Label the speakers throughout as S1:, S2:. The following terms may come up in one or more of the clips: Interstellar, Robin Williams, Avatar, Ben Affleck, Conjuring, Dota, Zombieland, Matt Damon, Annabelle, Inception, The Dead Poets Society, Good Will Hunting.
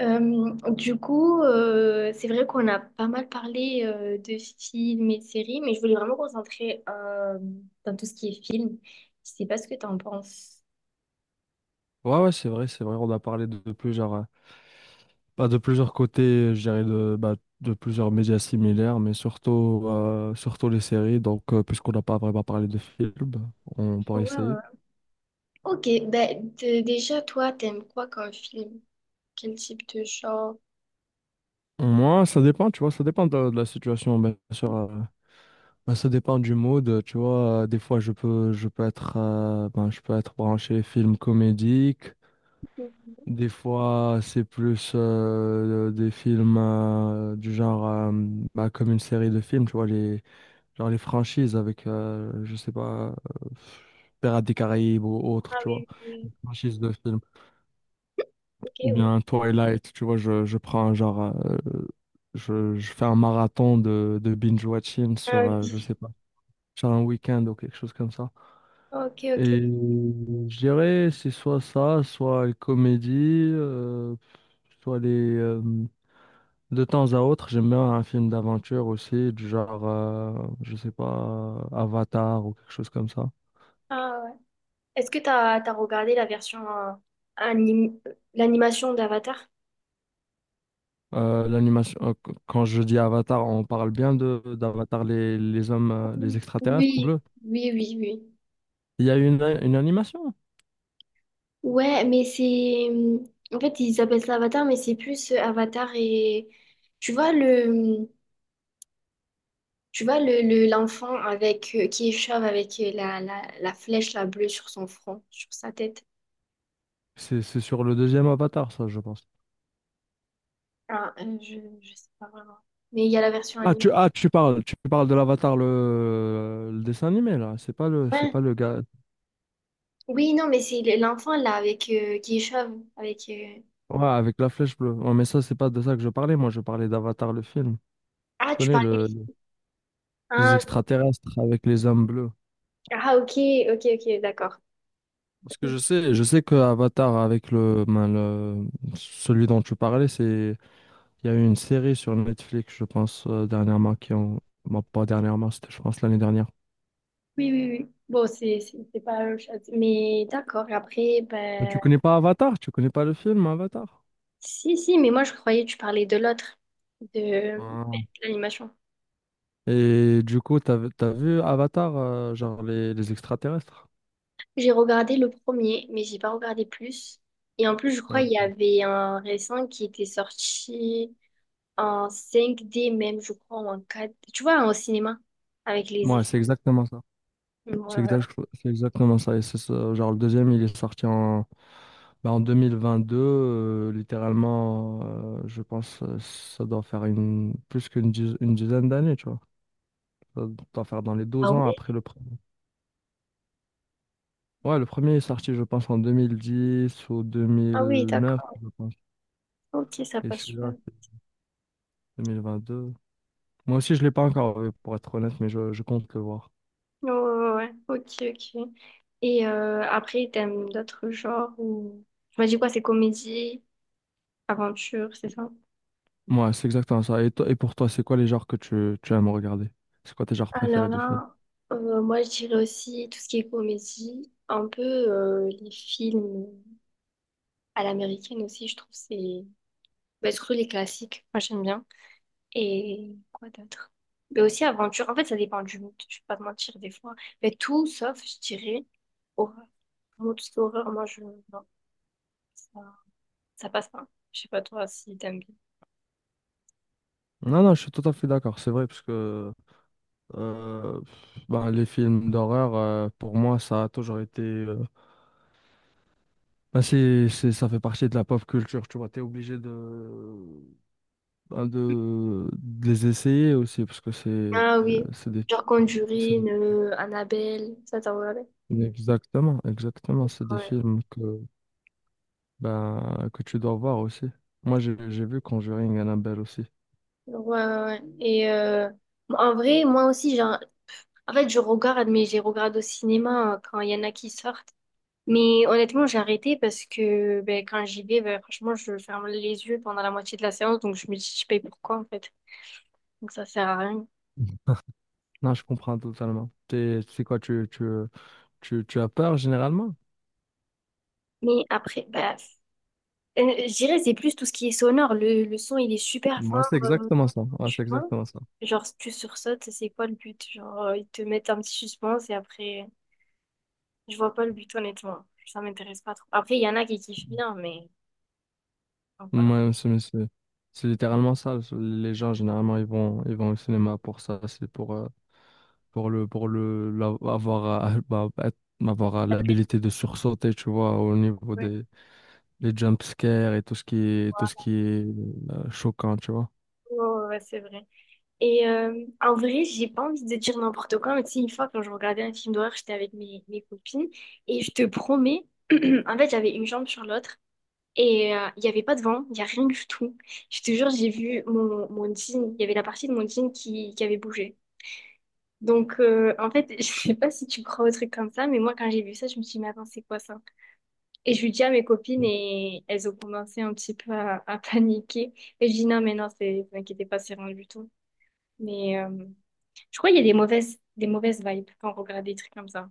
S1: Du coup, c'est vrai qu'on a pas mal parlé de films et de séries, mais je voulais vraiment me concentrer dans tout ce qui est film. Je sais pas ce que tu en penses.
S2: Ouais, ouais, c'est vrai, c'est vrai. On a parlé de, plusieurs, bah, de plusieurs côtés, je dirais, bah, de plusieurs médias similaires, mais surtout les séries. Donc, puisqu'on n'a pas vraiment parlé de films, on
S1: Ouais,
S2: pourrait
S1: ouais,
S2: essayer.
S1: ouais. Ok, ben déjà, toi, t'aimes quoi comme film? Quel type de genre?
S2: Moi, ça dépend, tu vois, ça dépend de la situation, bien sûr. Bah, ça dépend du mood, tu vois. Des fois, ben, je peux être branché film comédique.
S1: Mhm.
S2: Des fois, c'est plus des films du genre, bah, comme une série de films, tu vois, les Genre les franchises avec, je sais pas, euh, Pirates des Caraïbes ou autre,
S1: Ah
S2: tu vois.
S1: oui, oui, oui.
S2: Franchise de film.
S1: Ok,
S2: Ou
S1: oui.
S2: bien Twilight, tu vois, je prends genre, euh, je fais un marathon de binge-watching
S1: Ah,
S2: sur, je
S1: oui.
S2: sais pas, sur un week-end ou quelque chose comme ça.
S1: Ok, ok.
S2: Et je dirais, c'est soit ça, soit les comédies, soit les... euh, de temps à autre, j'aime bien un film d'aventure aussi, du genre, je sais pas, Avatar ou quelque chose comme ça.
S1: Ah ouais. Est-ce que t'as regardé la version anim- l'animation d'Avatar?
S2: L'animation, quand je dis Avatar, on parle bien de d'Avatar, les hommes, les
S1: Oui,
S2: extraterrestres bleus.
S1: oui, oui, oui.
S2: Il y a une animation.
S1: Ouais, mais en fait, ils appellent ça Avatar, mais c'est plus Avatar et. Tu vois le. mmh, Tu vois l'enfant avec qui est chauve avec la flèche la bleue sur son front, sur sa tête.
S2: C'est sur le deuxième Avatar, ça, je pense.
S1: Ah, je sais pas vraiment. Mais il y a la version
S2: Ah,
S1: anime.
S2: tu, ah, tu parles, tu parles de l'Avatar, le dessin animé, là. C'est pas le, c'est
S1: Ouais.
S2: pas le gars.
S1: Oui, non, mais c'est l'enfant là avec qui est chauve avec
S2: Ouais, avec la flèche bleue. Ouais, mais ça, c'est pas de ça que je parlais. Moi, je parlais d'Avatar, le film. Tu
S1: Ah, tu
S2: connais le,
S1: parlais.
S2: les
S1: Ah,
S2: extraterrestres avec les hommes bleus.
S1: ah, ok, ok, ok, d'accord.
S2: Parce que je sais que Avatar avec ben, le celui dont tu parlais, c'est... Il y a eu une série sur Netflix, je pense, dernièrement, bon, pas dernièrement, c'était, je pense, l'année dernière.
S1: Oui, oui, oui. Bon, c'est pas la même chose. Mais d'accord, après,
S2: Mais tu
S1: ben.
S2: connais pas Avatar? Tu connais pas le film Avatar?
S1: Si, si, mais moi je croyais que tu parlais de l'autre, de
S2: Ah.
S1: l'animation.
S2: Et du coup, t'as vu Avatar, genre les extraterrestres?
S1: J'ai regardé le premier, mais j'ai pas regardé plus. Et en plus, je crois
S2: Ah.
S1: qu'il y avait un récent qui était sorti en cinq d même, je crois, ou en quatre. D Tu vois, au cinéma, avec les
S2: Ouais,
S1: effets.
S2: c'est exactement ça. C'est
S1: Voilà.
S2: exact- c'est exactement ça. Et c'est ça, genre le deuxième, il est sorti bah, en 2022, littéralement, je pense, ça doit faire une, plus qu'une diz- une dizaine d'années, tu vois. Ça doit faire dans les
S1: Ah
S2: 12 ans
S1: oui?
S2: après le premier. Ouais, le premier est sorti, je pense, en 2010 ou
S1: Ah oui,
S2: 2009,
S1: d'accord.
S2: je pense.
S1: Ok, ça
S2: Et
S1: passe
S2: celui-là,
S1: super.
S2: c'est 2022. Moi aussi, je l'ai pas encore vu, pour être honnête, mais je compte le voir.
S1: Ouais, ouais, ouais, ouais. Ok, ok. Et après, t'aimes d'autres genres ou. Tu m'as dit quoi? C'est comédie, aventure, c'est ça?
S2: Ouais, c'est exactement ça. Et pour toi, c'est quoi les genres que tu aimes regarder? C'est quoi tes genres
S1: Alors
S2: préférés de films?
S1: là, moi je dirais aussi tout ce qui est comédie, un peu les films à l'américaine aussi, je trouve c'est. Bah, surtout les classiques, moi j'aime bien. Et quoi d'autre? Mais aussi aventure, en fait ça dépend du mood, je vais pas te mentir des fois. Mais tout sauf, je dirais, horreur. Vraiment tout ce qui est horreur, Non, ça, ça passe pas. Je sais pas toi si t'aimes bien.
S2: Non, non, je suis tout à fait d'accord. C'est vrai, parce que ben, les films d'horreur, pour moi, ça a toujours été. Ben, ça fait partie de la pop culture, tu vois. T'es obligé de, ben, de les essayer aussi, parce que
S1: Ah oui,
S2: c'est des,
S1: genre
S2: c'est.
S1: Conjuring, Annabelle, ça t'en regardé?
S2: Exactement, exactement, c'est des
S1: Ouais.
S2: films ben, que tu dois voir aussi. Moi, j'ai vu Conjuring Annabelle aussi.
S1: Ouais, ouais, ouais. Et en vrai, moi aussi, genre, en fait, je regarde, mais j'ai regardé au cinéma quand il y en a qui sortent. Mais honnêtement, j'ai arrêté parce que ben, quand j'y vais, ben, franchement, je ferme les yeux pendant la moitié de la séance, donc je me dis, je paye pourquoi, en fait. Donc ça sert à rien.
S2: Non, je comprends totalement. C'est quoi, tu as peur généralement?
S1: Mais après, bah, euh, je dirais, c'est plus tout ce qui est sonore. Le son, il est super fort,
S2: Moi, c'est exactement ça. Ouais,
S1: tu
S2: c'est
S1: vois.
S2: exactement ça.
S1: Genre, si tu sursautes, c'est quoi le but? Genre, ils te mettent un petit suspense et après. Je vois pas le but, honnêtement. Ça m'intéresse pas trop. Après, il y en a qui kiffent bien, mais donc, voilà.
S2: Moi, c'est littéralement ça. Les gens, généralement, ils vont au cinéma pour ça. C'est pour, avoir bah, avoir
S1: Après,
S2: l'habilité de sursauter, tu vois, au niveau
S1: ouais,
S2: des les jump scares et tout ce qui est choquant, tu vois.
S1: ouais, ouais, c'est vrai. Et en vrai, j'ai pas envie de dire n'importe quoi, mais tu sais, une fois, quand je regardais un film d'horreur, j'étais avec mes copines, et je te promets, en fait, j'avais une jambe sur l'autre, et il y avait pas de vent, il y a rien du tout. Je te jure, j'ai vu mon jean, il y avait la partie de mon jean qui avait bougé. Donc, en fait, je sais pas si tu crois au truc comme ça, mais moi, quand j'ai vu ça, je me suis dit, mais attends, c'est quoi ça? Et je lui dis à mes copines et elles ont commencé un petit peu à paniquer. Et je dis non, mais non, c'est, vous inquiétez pas, c'est rien du tout. Mais je crois qu'il y a des mauvaises vibes quand on regarde des trucs comme ça.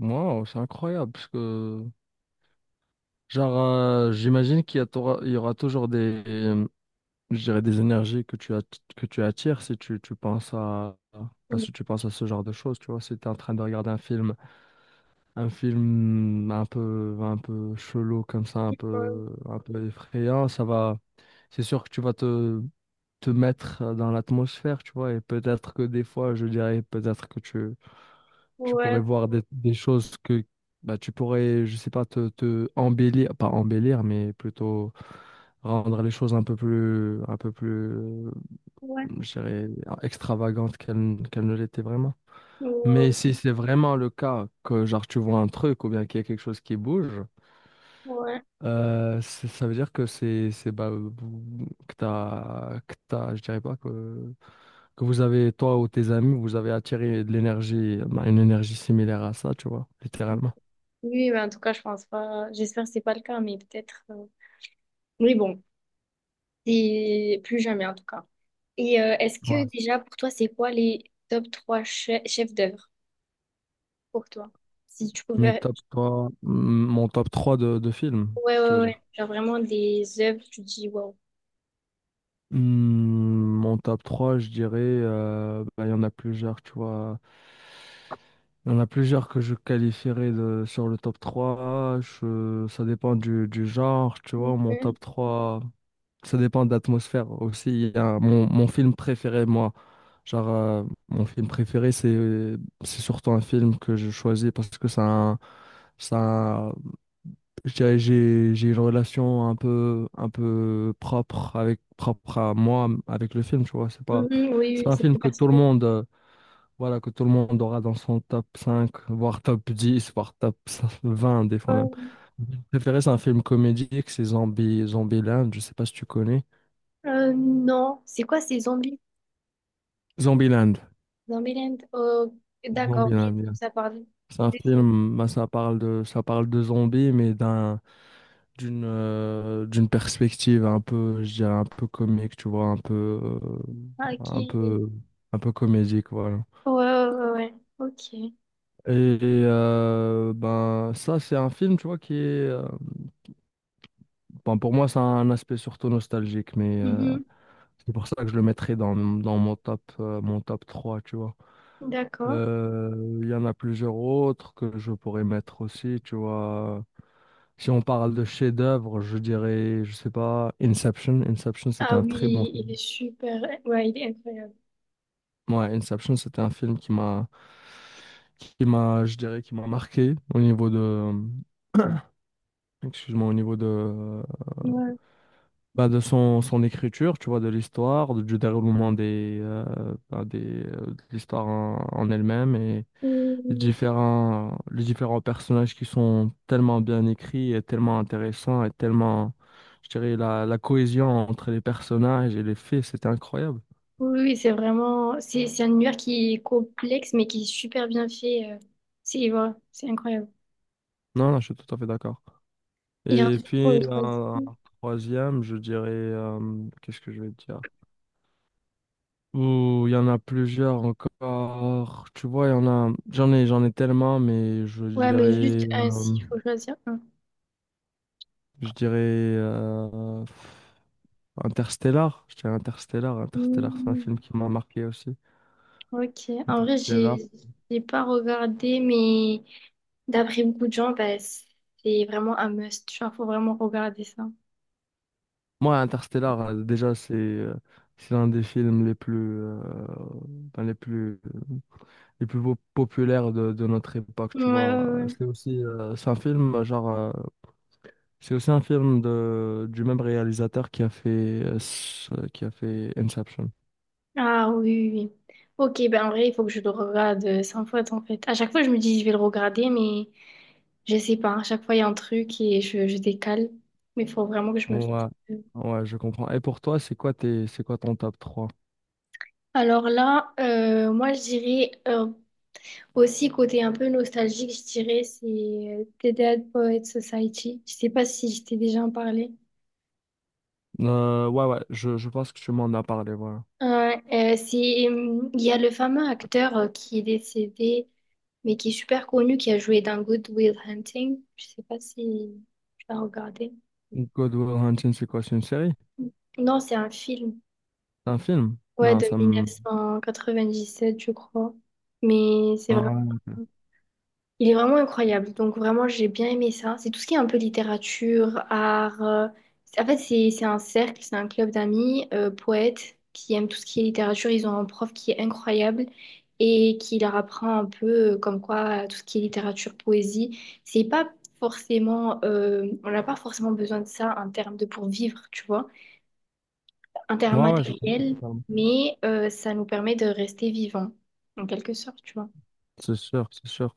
S2: Wow, c'est incroyable parce que genre j'imagine qu'il y a t'aura- il y aura toujours des je dirais des énergies que que tu attires si tu penses bah,
S1: Donc,
S2: si tu penses à ce genre de choses, tu vois, si tu es en train de regarder un film. Un film un peu chelou comme ça, un peu effrayant, ça va. C'est sûr que tu vas te mettre dans l'atmosphère, tu vois, et peut-être que des fois, je dirais, peut-être que tu pourrais
S1: ouais,
S2: voir des choses que bah, tu pourrais, je sais pas, te embellir, pas embellir, mais plutôt rendre les choses un peu plus,
S1: ouais,
S2: je dirais, extravagantes qu'elles ne l'étaient vraiment. Mais
S1: ouais,
S2: si c'est vraiment le cas que genre tu vois un truc ou bien qu'il y a quelque chose qui bouge,
S1: ouais.
S2: ça veut dire que c'est bah, que t'as, je dirais pas, que vous avez, toi ou tes amis, vous avez attiré de l'énergie, bah, une énergie similaire à ça, tu vois, littéralement.
S1: Oui, mais en tout cas, je pense pas. J'espère que c'est pas le cas, mais peut-être. Oui, bon, et plus jamais en tout cas. Et est-ce que
S2: Ouais.
S1: déjà pour toi, c'est quoi les top 3 chefs d'œuvre pour toi? Si tu
S2: Mais
S1: pouvais.
S2: top 3 mon top 3 de films,
S1: Ouais,
S2: tu
S1: ouais,
S2: veux dire.
S1: ouais. Genre vraiment des œuvres, tu te dis waouh.
S2: Hmm. Mon top 3, je dirais, bah, il y en a plusieurs, tu vois. Il y en a plusieurs que je qualifierais de, sur le top 3. Ça dépend du genre, tu vois. Mon
S1: Mhm.
S2: top 3, ça dépend de l'atmosphère aussi. Il y a mon film préféré, moi. Genre, mon film préféré, c'est surtout un film que je choisis parce que ça a un, je dirais, j'ai une relation un peu propre avec, propre à moi, avec le film, tu vois. C'est
S1: Mhm,
S2: pas,
S1: oui,
S2: c'est
S1: oui, oui,
S2: pas un
S1: c'est
S2: film
S1: plus
S2: que tout le
S1: personnel.
S2: monde, voilà, que tout le monde aura dans son top 5 voire top 10 voire top 20 des fois
S1: Euh,
S2: même. Mon préféré, c'est un film comédique, c'est Zombieland, je sais pas si tu connais.
S1: non, c'est quoi ces zombies?
S2: Zombieland.
S1: Zombieland. Oh, d'accord, ok,
S2: Zombieland, yeah.
S1: ça parle
S2: C'est un
S1: des zombies.
S2: film, bah, ça parle de zombies, mais d'une perspective un peu, je dirais, un peu comique, tu vois, un peu, euh,
S1: Ah, ok.
S2: un
S1: Ouais,
S2: peu, un peu comédique, voilà.
S1: ouais, ouais, ouais. Ok.
S2: Et ben, ça, c'est un film, tu vois, qui est... euh, ben, pour moi, c'est un aspect surtout nostalgique, mais
S1: Mhm,
S2: c'est pour ça que je le mettrais dans mon top trois, tu vois.
S1: d'accord.
S2: Il y en a plusieurs autres que je pourrais mettre aussi, tu vois. Si on parle de chef-d'œuvre, je dirais, je sais pas, Inception. Inception, c'est
S1: Ah
S2: un très bon...
S1: oui, il est super. Ouais, il est incroyable.
S2: Ouais, Inception, c'était un film qui m'a, qui m'a marqué au niveau de, excuse-moi, au niveau de,
S1: Ouais.
S2: bah, de son écriture, tu vois, de l'histoire, du déroulement de l'histoire en elle-même et
S1: Oui,
S2: les
S1: oui,
S2: différents, les différents personnages qui sont tellement bien écrits et tellement intéressants et tellement, je dirais, la cohésion entre les personnages et les faits, c'était incroyable.
S1: oui, oui, c'est vraiment. C'est un univers qui est complexe, mais qui est super bien fait. C'est voilà, c'est incroyable.
S2: Non, non, je suis tout à fait d'accord.
S1: Et
S2: Et
S1: ensuite, pour le
S2: puis
S1: troisième.
S2: un troisième, je dirais, qu'est-ce que je vais te dire? Ouh, il y en a plusieurs encore. Tu vois, il y en a, j'en ai tellement, mais
S1: Ouais, mais juste un, s'il faut choisir un.
S2: je dirais euh, Interstellar. Je dirais Interstellar. Interstellar, c'est un
S1: Hmm,
S2: film qui m'a marqué aussi.
S1: ok. En vrai,
S2: Interstellar.
S1: j'ai pas regardé, mais d'après beaucoup de gens, bah, c'est vraiment un must. Genre, faut vraiment regarder ça.
S2: Moi, Interstellar, déjà, c'est l'un des films les plus, euh, ben, les plus po- populaires de notre époque,
S1: Ouais,
S2: tu vois.
S1: ouais, ouais.
S2: C'est aussi, c'est un film, genre, c'est aussi un film du même réalisateur qui a fait, s- qui a fait Inception.
S1: Ah oui, oui, oui. Ok, ben en vrai, il faut que je le regarde 100 fois en fait. À chaque fois, je me dis, je vais le regarder, mais je sais pas. À chaque fois, il y a un truc et je décale. Mais il faut vraiment que je me fasse.
S2: Ouais, ouais, je comprends. Et pour toi, c'est quoi ton top trois?
S1: Alors là, moi, je dirais aussi, côté un peu nostalgique, je dirais, c'est The Dead Poets Society. Je sais pas si je t'ai déjà en parlé.
S2: Ouais, ouais, je pense que tu m'en as parlé, voilà.
S1: Il y a le fameux acteur qui est décédé, mais qui est super connu, qui a joué dans Good Will Hunting. Je sais pas si tu l'as regardé.
S2: Good Will Hunting, c'est quoi? C'est une série?
S1: Non, c'est un film.
S2: C'est un film?
S1: Ouais,
S2: Non,
S1: de
S2: ça me...
S1: 1997, je crois. Mais c'est vraiment.
S2: Ouais,
S1: Il est vraiment incroyable. Donc vraiment, j'ai bien aimé ça. C'est tout ce qui est un peu littérature, art. En fait, c'est un cercle, c'est un club d'amis, poètes, qui aiment tout ce qui est littérature. Ils ont un prof qui est incroyable et qui leur apprend un peu comme quoi tout ce qui est littérature, poésie, c'est pas forcément. On n'a pas forcément besoin de ça en termes de pour vivre, tu vois. En
S2: ouais,
S1: termes
S2: ouais, je comprends
S1: matériels,
S2: totalement.
S1: mais ça nous permet de rester vivants, en quelque sorte, tu vois.
S2: C'est sûr, c'est sûr.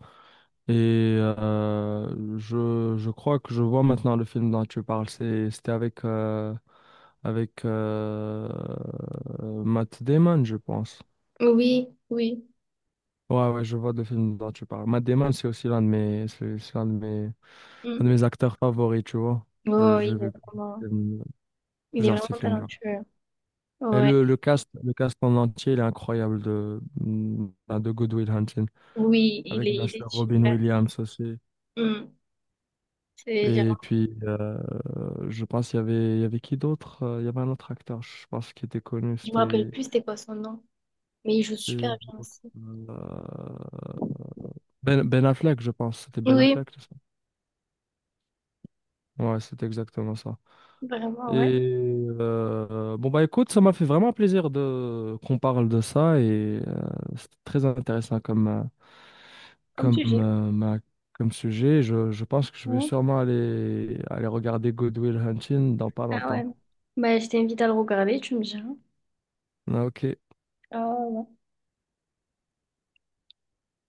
S2: Et je crois que je vois maintenant le film dont tu parles. C'était avec, avec euh, Matt Damon, je pense.
S1: Oui, oui.
S2: Ouais, ouais, je vois le film dont tu parles. Matt Damon, c'est aussi l'un de mes, c'est l'un de mes, un
S1: Mm.
S2: de mes acteurs favoris, tu vois. Je,
S1: Oh,
S2: j'ai
S1: il est
S2: vu
S1: vraiment,
S2: plusieurs
S1: il est
S2: de ses
S1: vraiment
S2: films, genre.
S1: talentueux.
S2: Et
S1: Ouais.
S2: le cast en entier, il est incroyable de Good Will Hunting.
S1: Oui, il
S2: Avec
S1: est,
S2: bien
S1: il
S2: sûr
S1: est
S2: Robin
S1: super.
S2: Williams aussi.
S1: Hmm. C'est, j'ai-
S2: Et puis, je pense qu'il y avait qui d'autre? Il y avait un autre acteur, je pense, qui était connu.
S1: je me rappelle
S2: C'était
S1: plus c'était quoi son nom, mais il joue super
S2: c'était
S1: bien
S2: l'autre,
S1: aussi.
S2: ben, Ben Affleck, je pense. C'était Ben
S1: Oui,
S2: Affleck, c'est ça? Ouais, c'est exactement ça.
S1: vraiment, ouais.
S2: Et bon, bah écoute, ça m'a fait vraiment plaisir de qu'on parle de ça. Et c'était très intéressant
S1: Comme
S2: comme,
S1: sujet.
S2: euh, ma- comme sujet. Je pense que je vais
S1: Oui.
S2: sûrement aller regarder Good Will Hunting dans pas
S1: Ah ouais.
S2: longtemps.
S1: Bah, je t'invite à le regarder, tu me diras.
S2: Ah, Ok.
S1: Ah ouais.